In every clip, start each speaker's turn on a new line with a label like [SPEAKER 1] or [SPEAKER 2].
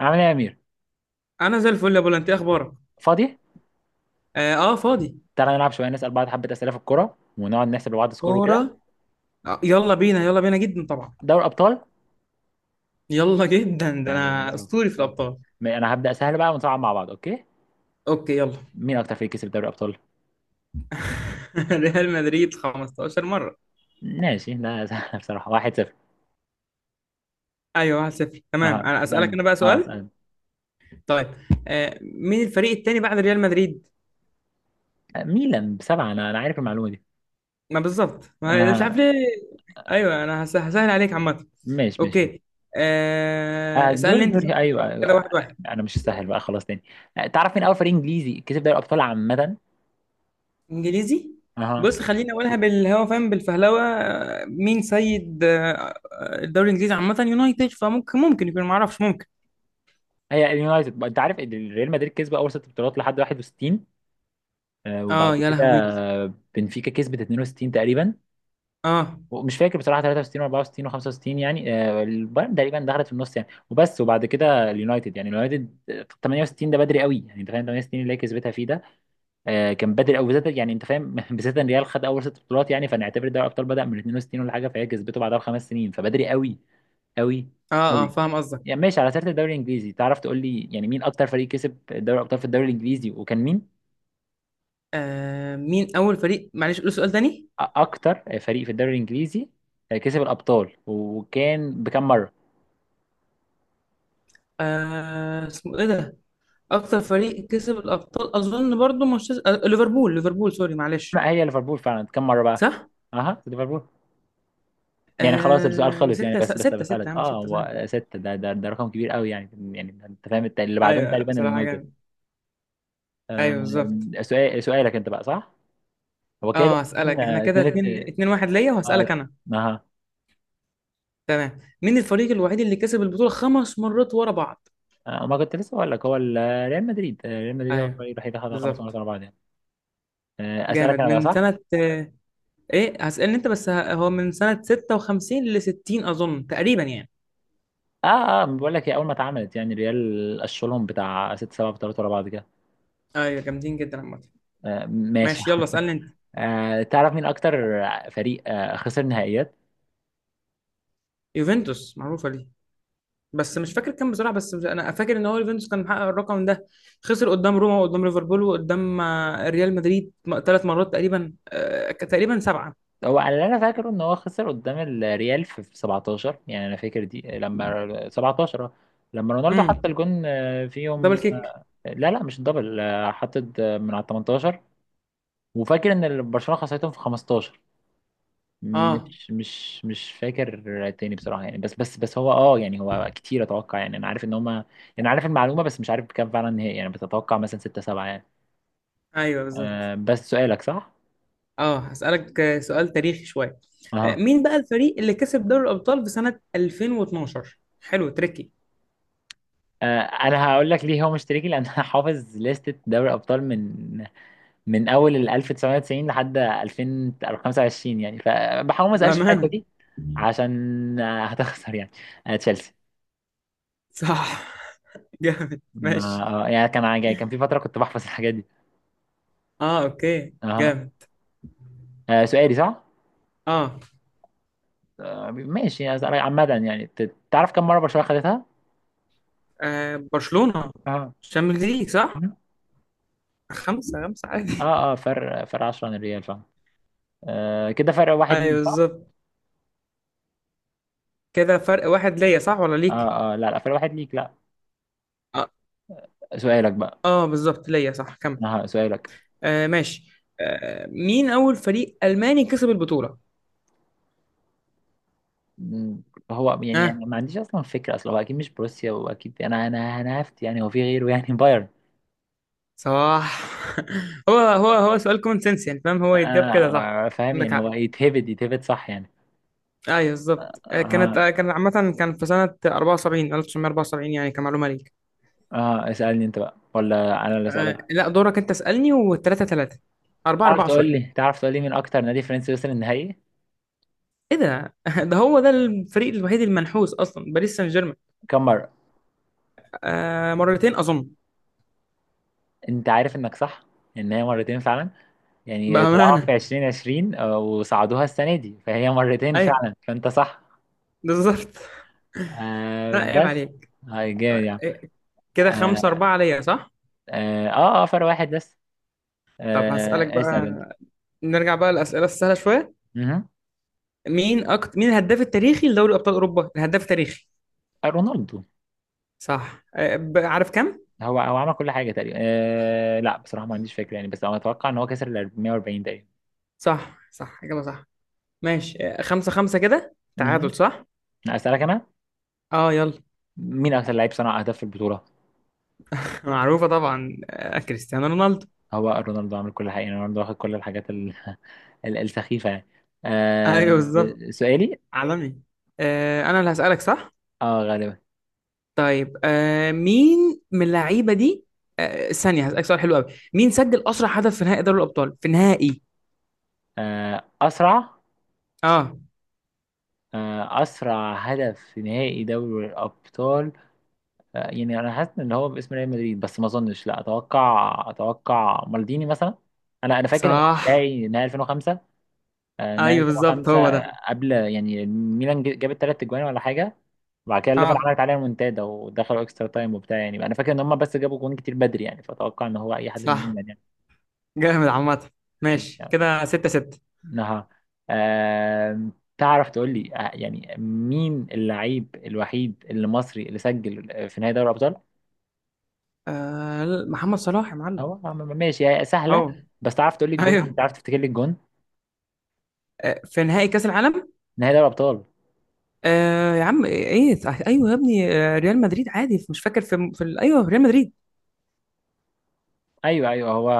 [SPEAKER 1] عامل ايه يا امير؟
[SPEAKER 2] انا زي الفل يا بولا. انت إيه اخبارك؟
[SPEAKER 1] فاضي.
[SPEAKER 2] اه، فاضي.
[SPEAKER 1] تعالى نلعب شويه، نسال بعض حبه اسئله في الكوره، ونقعد نحسب لبعض سكور وكده.
[SPEAKER 2] كوره. يلا بينا يلا بينا، جدا طبعا.
[SPEAKER 1] دوري ابطال.
[SPEAKER 2] يلا، جدا ده،
[SPEAKER 1] دوري
[SPEAKER 2] انا اسطوري في
[SPEAKER 1] ابطال.
[SPEAKER 2] الابطال.
[SPEAKER 1] انا هبدا سهل بقى ونصعب مع بعض، اوكي؟
[SPEAKER 2] اوكي، يلا.
[SPEAKER 1] مين اكتر فريق كسب دوري ابطال؟
[SPEAKER 2] ريال مدريد 15 مره.
[SPEAKER 1] ماشي، لا سهل بصراحه. 1-0.
[SPEAKER 2] ايوه، 1-0. تمام،
[SPEAKER 1] اه
[SPEAKER 2] انا اسالك
[SPEAKER 1] اسالني
[SPEAKER 2] انا بقى
[SPEAKER 1] اه
[SPEAKER 2] سؤال.
[SPEAKER 1] اسالني
[SPEAKER 2] طيب. مين الفريق التاني بعد ريال مدريد؟
[SPEAKER 1] ميلان بسبعه، انا عارف المعلومه دي.
[SPEAKER 2] ما بالظبط، ما مش عارف
[SPEAKER 1] اه.
[SPEAKER 2] ليه. ايوه، انا هسهل عليك عامه.
[SPEAKER 1] ماشي ماشي ماشي.
[SPEAKER 2] اوكي. اسالني
[SPEAKER 1] دوري
[SPEAKER 2] انت، صح؟
[SPEAKER 1] دوري ايوه.
[SPEAKER 2] دورك كده. 1-1.
[SPEAKER 1] انا مش سهل بقى، خلاص تاني. تعرف مين اول فريق انجليزي كسب دوري ابطال عامه؟
[SPEAKER 2] انجليزي.
[SPEAKER 1] اها.
[SPEAKER 2] بص، خليني اقولها بالهوا، فاهم، بالفهلوه. مين سيد الدوري الانجليزي عامه؟ يونايتد، فممكن يكون، معرفش، ممكن.
[SPEAKER 1] هي اليونايتد. انت عارف ان ريال مدريد كسب اول ست بطولات لحد 61؟ وبعد
[SPEAKER 2] اه يا
[SPEAKER 1] كده
[SPEAKER 2] لهوي.
[SPEAKER 1] بنفيكا كسبت 62 تقريبا،
[SPEAKER 2] اه
[SPEAKER 1] ومش فاكر بصراحه 63 و64 و65 يعني. البايرن تقريبا دخلت في النص يعني، وبس. وبعد كده اليونايتد يعني اليونايتد 68، ده بدري قوي، يعني انت فاهم؟ 68 اللي هي كسبتها فيه ده، كان بدري قوي بالذات، يعني انت فاهم بالذات ان ريال خد اول ست بطولات، يعني فنعتبر دوري الابطال بدا من 62 ولا حاجه، فهي كسبته بعدها بخمس سنين، فبدري قوي قوي
[SPEAKER 2] اه اه،
[SPEAKER 1] قوي.
[SPEAKER 2] فاهم قصدك.
[SPEAKER 1] يعني ماشي على سيره الدوري الانجليزي، تعرف تقول لي يعني مين اكتر فريق كسب دوري الابطال في الدوري الانجليزي، وكان مين؟
[SPEAKER 2] مين اول فريق؟ معلش قول سؤال تاني.
[SPEAKER 1] اكتر فريق في الدوري الانجليزي كسب الابطال، وكان بكم مره؟
[SPEAKER 2] اسمه ايه ده؟ اكتر فريق كسب الابطال، اظن برضو مانشستر، ليفربول، ليفربول، سوري معلش.
[SPEAKER 1] ما هي ليفربول فعلا، كم مره بقى؟
[SPEAKER 2] صح.
[SPEAKER 1] اها، ليفربول. يعني خلاص السؤال خلص يعني،
[SPEAKER 2] ستة
[SPEAKER 1] بس
[SPEAKER 2] ستة ستة يا
[SPEAKER 1] بسألك،
[SPEAKER 2] عم،
[SPEAKER 1] اه
[SPEAKER 2] ستة سهل.
[SPEAKER 1] هو ستة ده، رقم كبير قوي يعني. يعني انت فاهم اللي بعدهم
[SPEAKER 2] ايوه،
[SPEAKER 1] تقريبا
[SPEAKER 2] بصراحة
[SPEAKER 1] اليونايتد.
[SPEAKER 2] جامد. ايوه بالظبط.
[SPEAKER 1] سؤالك انت بقى، صح؟ هو كده
[SPEAKER 2] اه،
[SPEAKER 1] كان
[SPEAKER 2] هسألك. احنا كده
[SPEAKER 1] اتنين.
[SPEAKER 2] اتنين اتنين واحد ليا، وهسألك
[SPEAKER 1] اه.
[SPEAKER 2] انا.
[SPEAKER 1] آه،
[SPEAKER 2] تمام، مين الفريق الوحيد اللي كسب البطولة خمس مرات ورا بعض؟
[SPEAKER 1] ما كنت لسه بقول لك هو. ريال مدريد، ريال مدريد هو
[SPEAKER 2] ايوه
[SPEAKER 1] الفريق الوحيد اللي خدها خمس مرات
[SPEAKER 2] بالظبط.
[SPEAKER 1] ورا بعض يعني.
[SPEAKER 2] جامد
[SPEAKER 1] اسألك انا بقى،
[SPEAKER 2] من
[SPEAKER 1] صح؟
[SPEAKER 2] سنة ايه؟ هسألني انت بس، هو من سنة 56 ل 60 اظن تقريبا يعني.
[SPEAKER 1] اه اه، بقول لك هي اول ما اتعملت، يعني ريال قشلهم بتاع ست سبع بطولات ورا بعض كده.
[SPEAKER 2] ايوه، جامدين جدا عامة.
[SPEAKER 1] آه ماشي.
[SPEAKER 2] ماشي، يلا اسألني انت.
[SPEAKER 1] آه تعرف مين اكتر فريق خسر نهائيات؟
[SPEAKER 2] يوفنتوس، معروفة ليه. بس مش فاكر كام بصراحة، بس مش انا فاكر ان هو يوفنتوس كان محقق الرقم ده. خسر قدام روما، وقدام ليفربول، وقدام ريال مدريد. ثلاث مرات تقريبا، سبعة.
[SPEAKER 1] هو على اللي انا فاكره ان هو خسر قدام الريال في 17 يعني، انا فاكر دي لما 17، لما رونالدو حط
[SPEAKER 2] امم.
[SPEAKER 1] الجون
[SPEAKER 2] دبل
[SPEAKER 1] فيهم.
[SPEAKER 2] كيك.
[SPEAKER 1] لا لا، مش الدبل، حطت من على 18. وفاكر ان برشلونة خسرتهم في 15.
[SPEAKER 2] اه
[SPEAKER 1] مش فاكر تاني بصراحة يعني، بس هو اه يعني هو كتير، اتوقع يعني، انا عارف ان هما يعني، انا عارف المعلومة بس مش عارف بكام فعلا هي، يعني بتتوقع مثلا ستة سبعة يعني.
[SPEAKER 2] ايوه بالظبط.
[SPEAKER 1] آه بس سؤالك صح؟
[SPEAKER 2] اه، هسألك سؤال تاريخي شوية.
[SPEAKER 1] اها.
[SPEAKER 2] مين بقى الفريق اللي كسب دوري الأبطال في سنة 2012؟ حلو، تريكي.
[SPEAKER 1] آه انا هقول لك ليه هو مشتركي لان انا حافظ لستة دوري الابطال من اول ال 1990 لحد 2025 يعني، فبحاول ما اسالش في الحتة
[SPEAKER 2] بأمانة.
[SPEAKER 1] دي عشان هتخسر يعني. آه تشيلسي.
[SPEAKER 2] صح. جامد،
[SPEAKER 1] ما
[SPEAKER 2] ماشي.
[SPEAKER 1] آه يعني، كان كان في فترة كنت بحفظ الحاجات دي.
[SPEAKER 2] اه، اوكي،
[SPEAKER 1] اها.
[SPEAKER 2] جامد.
[SPEAKER 1] آه سؤالي صح؟
[SPEAKER 2] اه,
[SPEAKER 1] ماشي يعني، عامة يعني، تعرف كم مرة برشلونة خدتها؟
[SPEAKER 2] آه برشلونة،
[SPEAKER 1] اه
[SPEAKER 2] الشامبيونز ليج، صح؟ خمسة خمسة، عادي.
[SPEAKER 1] اه اه، فرق 10 عن الريال فاهم. آه كده فرق واحد ليك،
[SPEAKER 2] ايوه
[SPEAKER 1] صح؟
[SPEAKER 2] بالظبط. كده فرق واحد ليا، صح ولا ليك؟
[SPEAKER 1] اه اه لا لا، فرق واحد ليك، لا.
[SPEAKER 2] اه,
[SPEAKER 1] سؤالك بقى.
[SPEAKER 2] آه بالظبط ليا، صح، كمل.
[SPEAKER 1] انا سؤالك.
[SPEAKER 2] ماشي. مين اول فريق الماني كسب البطولة؟
[SPEAKER 1] مم، هو يعني
[SPEAKER 2] اه،
[SPEAKER 1] ما عنديش اصلا فكرة اصلا، هو اكيد مش بروسيا، واكيد انا هفت يعني، هو في غيره يعني. بايرن.
[SPEAKER 2] صح. هو سؤال كومن سنس، يعني فاهم، هو يتجاب كده، صح؟
[SPEAKER 1] فاهم
[SPEAKER 2] عندك
[SPEAKER 1] يعني
[SPEAKER 2] حق.
[SPEAKER 1] هو يتهبد يتهبد صح يعني.
[SPEAKER 2] ايوه بالظبط.
[SPEAKER 1] اه
[SPEAKER 2] كان عامة، كان في سنة 74، 1974 يعني، كمعلومة ليك.
[SPEAKER 1] اه، اسألني انت بقى، ولا انا اللي اسألك؟
[SPEAKER 2] لا، دورك انت، اسألني. و3 3، 4
[SPEAKER 1] تعرف
[SPEAKER 2] 4،
[SPEAKER 1] تقول
[SPEAKER 2] سوري.
[SPEAKER 1] لي تعرف تقول لي مين اكتر نادي فرنسي وصل النهائي؟
[SPEAKER 2] ايه ده؟ ده ده الفريق الوحيد المنحوس اصلا، باريس سان جيرمان.
[SPEAKER 1] كم مرة؟
[SPEAKER 2] مرتين اظن.
[SPEAKER 1] انت عارف انك صح، ان هي مرتين فعلا. يعني طلعوها
[SPEAKER 2] بأمانة.
[SPEAKER 1] في 2020، وصعدوها السنه دي، فهي مرتين
[SPEAKER 2] ايوه
[SPEAKER 1] فعلا، فانت صح.
[SPEAKER 2] بالظبط.
[SPEAKER 1] آه
[SPEAKER 2] لا عيب
[SPEAKER 1] بس.
[SPEAKER 2] عليك.
[SPEAKER 1] هاي جامد
[SPEAKER 2] آه،
[SPEAKER 1] يعني.
[SPEAKER 2] إيه، كده 5
[SPEAKER 1] اه
[SPEAKER 2] 4 عليا، صح؟
[SPEAKER 1] اه, آه فرق واحد بس.
[SPEAKER 2] طب هسألك
[SPEAKER 1] آه اسال
[SPEAKER 2] بقى.
[SPEAKER 1] انت.
[SPEAKER 2] نرجع بقى للأسئلة السهلة شوية.
[SPEAKER 1] مهم.
[SPEAKER 2] مين الهداف التاريخي لدوري أبطال أوروبا؟ الهداف التاريخي.
[SPEAKER 1] رونالدو.
[SPEAKER 2] صح. عارف كام؟
[SPEAKER 1] هو عمل كل حاجه تقريبا. آه لا بصراحه ما عنديش فكره يعني، بس انا اتوقع ان هو كسر ال 440 تقريبا.
[SPEAKER 2] صح، صح، إجابة صح. ماشي. خمسة خمسة، كده تعادل،
[SPEAKER 1] مهم.
[SPEAKER 2] صح؟
[SPEAKER 1] اسالك انا.
[SPEAKER 2] اه، يلا.
[SPEAKER 1] مين اكثر لعيب صنع اهداف في البطوله؟
[SPEAKER 2] معروفة طبعا، كريستيانو رونالدو.
[SPEAKER 1] هو رونالدو عامل كل حاجة يعني، رونالدو واخد كل الحاجات السخيفة يعني. آه
[SPEAKER 2] ايوه بالظبط.
[SPEAKER 1] سؤالي.
[SPEAKER 2] عالمي. انا اللي هسألك، صح؟
[SPEAKER 1] اه غالبا.
[SPEAKER 2] طيب، مين من اللعيبة دي. ثانية، هسألك سؤال حلو قوي. مين سجل أسرع هدف في نهائي دوري الأبطال؟ في نهائي.
[SPEAKER 1] آه أسرع،
[SPEAKER 2] اه،
[SPEAKER 1] آه أسرع هدف في نهائي دوري الأبطال. آه يعني أنا حاسس إن هو باسم ريال مدريد، بس ما أظنش، لا أتوقع مالديني مثلا. أنا فاكر إن هو
[SPEAKER 2] صح.
[SPEAKER 1] نهائي 2005. آه نهائي
[SPEAKER 2] ايوه بالظبط،
[SPEAKER 1] 2005.
[SPEAKER 2] هو ده.
[SPEAKER 1] قبل يعني ميلان جابت ثلاث أجوان ولا حاجة، بعد كده الليفر
[SPEAKER 2] اه،
[SPEAKER 1] عملت عليها منتدى ودخلوا اكسترا تايم وبتاع يعني، انا فاكر ان هم بس جابوا جون كتير بدري يعني، فاتوقع ان هو اي حد من
[SPEAKER 2] صح.
[SPEAKER 1] ميلان يعني.
[SPEAKER 2] جامد عامة. ماشي،
[SPEAKER 1] يعني
[SPEAKER 2] كده ستة ستة.
[SPEAKER 1] انها آم، تعرف تقول لي يعني مين اللعيب الوحيد اللي مصري اللي سجل في نهائي دوري الابطال؟
[SPEAKER 2] محمد صلاح يا معلم.
[SPEAKER 1] هو ماشي، هي سهله،
[SPEAKER 2] اه،
[SPEAKER 1] بس تعرف تقول لي الجون يعني،
[SPEAKER 2] ايوه.
[SPEAKER 1] تعرف تفتكر لي الجون؟
[SPEAKER 2] في نهائي كأس العالم.
[SPEAKER 1] نهائي دوري الابطال.
[SPEAKER 2] يا عم ايه. ايوه يا ابني، ريال مدريد، عادي، مش فاكر ايوه ريال مدريد.
[SPEAKER 1] ايوه ايوه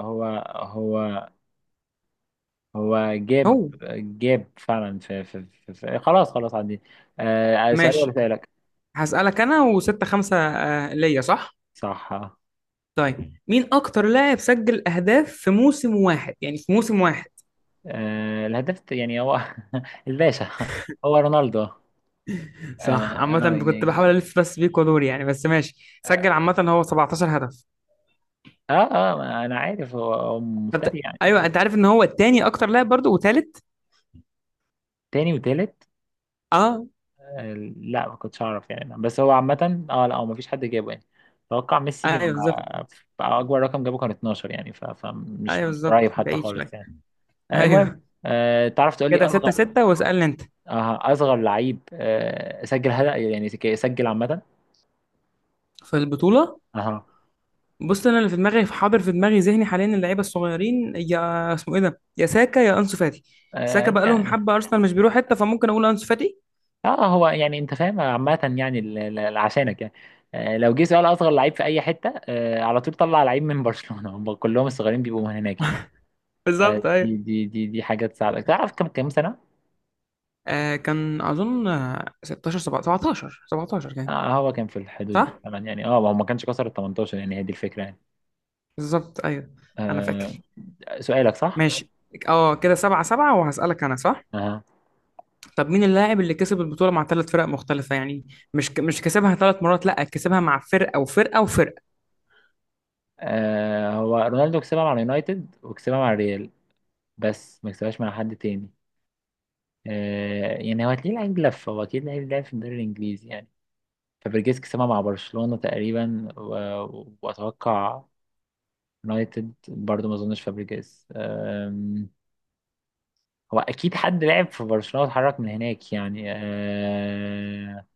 [SPEAKER 1] هو هو هو جاب
[SPEAKER 2] هو.
[SPEAKER 1] جاب فعلا في خلاص خلاص عندي. سؤالي ولا
[SPEAKER 2] ماشي،
[SPEAKER 1] سؤالك؟
[SPEAKER 2] هسألك انا، وستة خمسة ليا، صح؟
[SPEAKER 1] صح.
[SPEAKER 2] طيب، مين اكتر لاعب سجل اهداف في موسم واحد، يعني في موسم واحد؟
[SPEAKER 1] آه الهداف يعني هو الباشا، هو رونالدو اه.
[SPEAKER 2] صح عامة. كنت
[SPEAKER 1] يعني.
[SPEAKER 2] بحاول الف بس بيك ودوري يعني، بس ماشي، سجل
[SPEAKER 1] اه
[SPEAKER 2] عامة هو 17 هدف.
[SPEAKER 1] اه، ما انا عارف، هو هو مفتري
[SPEAKER 2] ايوه،
[SPEAKER 1] يعني.
[SPEAKER 2] انت عارف ان هو التاني اكتر لاعب برضه، وثالث.
[SPEAKER 1] تاني وتالت.
[SPEAKER 2] اه.
[SPEAKER 1] آه لا، ما كنتش اعرف يعني، بس هو عامة. اه لا هو ما فيش حد جابه يعني، اتوقع ميسي
[SPEAKER 2] ايوه
[SPEAKER 1] لما
[SPEAKER 2] بالظبط.
[SPEAKER 1] اكبر رقم جابه كان 12 يعني، فمش
[SPEAKER 2] ايوه
[SPEAKER 1] مش قريب
[SPEAKER 2] بالظبط،
[SPEAKER 1] حتى
[SPEAKER 2] بعيد
[SPEAKER 1] خالص
[SPEAKER 2] شويه.
[SPEAKER 1] يعني. آه
[SPEAKER 2] ايوه،
[SPEAKER 1] المهم، آه تعرف تقول لي
[SPEAKER 2] كده ستة
[SPEAKER 1] اصغر،
[SPEAKER 2] ستة، واسألني انت.
[SPEAKER 1] آه اصغر لعيب آه سجل هدف يعني، سجل عامة.
[SPEAKER 2] في البطولة.
[SPEAKER 1] اها.
[SPEAKER 2] بص، انا اللي في دماغي، في حاضر في دماغي، ذهني حاليا اللعيبه الصغيرين، يا اسمه ايه ده، يا ساكا يا انسو فاتي. ساكا
[SPEAKER 1] آه
[SPEAKER 2] بقى لهم
[SPEAKER 1] يعني،
[SPEAKER 2] حبه ارسنال، مش بيروح حته، فممكن اقول انسو فاتي.
[SPEAKER 1] اه هو يعني انت فاهم عامة يعني عشانك يعني، لو جه سؤال اصغر لعيب في اي حتة، على طول طلع لعيب من برشلونة، هم كلهم الصغيرين بيبقوا من هناك يعني.
[SPEAKER 2] بالظبط ايوه.
[SPEAKER 1] فدي دي حاجة تساعدك، تعرف كم سنة؟
[SPEAKER 2] كان اظن 16، 17، 17 كان.
[SPEAKER 1] آه هو كان في الحدود دي
[SPEAKER 2] صح.
[SPEAKER 1] فعلا يعني، اه هو ما كانش كسر ال 18 يعني، هي دي الفكرة يعني.
[SPEAKER 2] بالظبط ايوه. انا
[SPEAKER 1] آه
[SPEAKER 2] فاكر.
[SPEAKER 1] سؤالك صح؟
[SPEAKER 2] ماشي. اه، كده سبعة سبعة، وهسألك انا، صح؟
[SPEAKER 1] اه.
[SPEAKER 2] طب مين اللاعب اللي كسب البطولة مع ثلاث فرق مختلفة يعني؟ مش كسبها ثلاث مرات، لا كسبها مع فرقة وفرقة وفرقة.
[SPEAKER 1] هو رونالدو كسبها مع اليونايتد وكسبها مع الريال، بس ما كسبهاش مع حد تاني. آه يعني هو هتلاقيه لعيب لف، هو اكيد لعيب لعب في الدوري الانجليزي يعني. فابريجيز كسبها مع برشلونة تقريبا، و... واتوقع يونايتد برضو، ما اظنش فابريجيز. أم... هو اكيد حد لعب في برشلونة واتحرك من هناك يعني.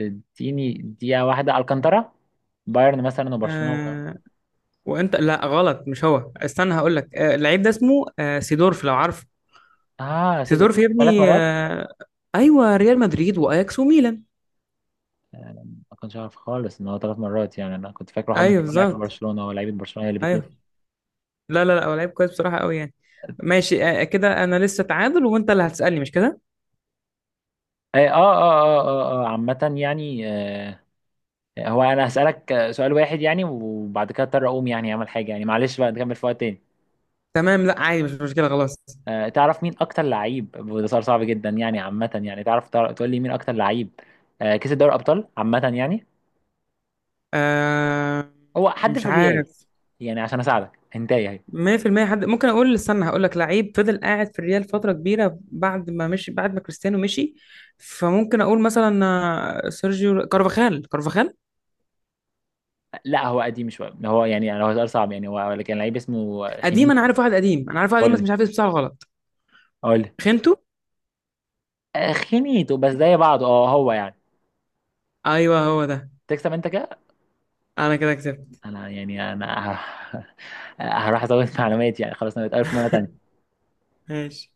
[SPEAKER 1] اديني دقيقة واحدة، الكانتارا، بايرن مثلا وبرشلونة و...
[SPEAKER 2] آه... وانت، لا غلط، مش هو، استنى هقول لك. اللعيب ده اسمه سيدورف، لو عارف.
[SPEAKER 1] اه صدق،
[SPEAKER 2] سيدورف يا
[SPEAKER 1] ثلاث
[SPEAKER 2] ابني.
[SPEAKER 1] مرات.
[SPEAKER 2] ايوه، ريال مدريد واياكس وميلان.
[SPEAKER 1] ما كنتش عارف خالص ان هو ثلاث مرات يعني، انا كنت فاكره حد
[SPEAKER 2] ايوه
[SPEAKER 1] يكون لعب في
[SPEAKER 2] بالظبط.
[SPEAKER 1] برشلونة، ولاعيبه برشلونة هي اللي بتلف.
[SPEAKER 2] ايوه. لا لا لا، هو لعيب كويس بصراحة، قوي يعني. ماشي. كده انا لسه تعادل، وانت اللي هتسألني، مش كده؟
[SPEAKER 1] آه عامة يعني، هو انا هسألك سؤال واحد يعني، وبعد كده اضطر اقوم يعني اعمل حاجة يعني، معلش بقى نكمل في وقت تاني.
[SPEAKER 2] تمام، لا عادي، مش مشكلة، خلاص.
[SPEAKER 1] أه تعرف مين اكتر لعيب، وده سؤال صعب جدا يعني عامة يعني، تعرف تقول لي مين اكتر لعيب أه كسب دوري ابطال عامة يعني؟
[SPEAKER 2] آه...
[SPEAKER 1] هو حد
[SPEAKER 2] مش
[SPEAKER 1] في الريال.
[SPEAKER 2] عارف.
[SPEAKER 1] يعني عشان اساعدك هنتاي اهي.
[SPEAKER 2] 100% حد، ممكن اقول، استنى هقول لك، لعيب فضل قاعد في الريال فتره كبيره بعد ما مشي، بعد ما كريستيانو مشي. فممكن اقول مثلا سيرجيو كارفاخال، كارفاخال.
[SPEAKER 1] لا هو قديم شوية، هو يعني هو سؤال صعب يعني، هو كان لعيب اسمه
[SPEAKER 2] قديم، انا
[SPEAKER 1] خينيتو.
[SPEAKER 2] عارف واحد قديم، انا عارف واحد قديم
[SPEAKER 1] قول
[SPEAKER 2] بس
[SPEAKER 1] لي.
[SPEAKER 2] مش عارف اسمه، بتاعه غلط.
[SPEAKER 1] قول لي.
[SPEAKER 2] خنتو.
[SPEAKER 1] خينيتو بس زي بعضه، اه هو يعني.
[SPEAKER 2] ايوه، هو ده.
[SPEAKER 1] تكسب انت كده.
[SPEAKER 2] انا كده كسبت.
[SPEAKER 1] انا يعني انا هروح ازود معلومات يعني، خلاص انا بتقابل في مرة تانية.
[SPEAKER 2] ماشي.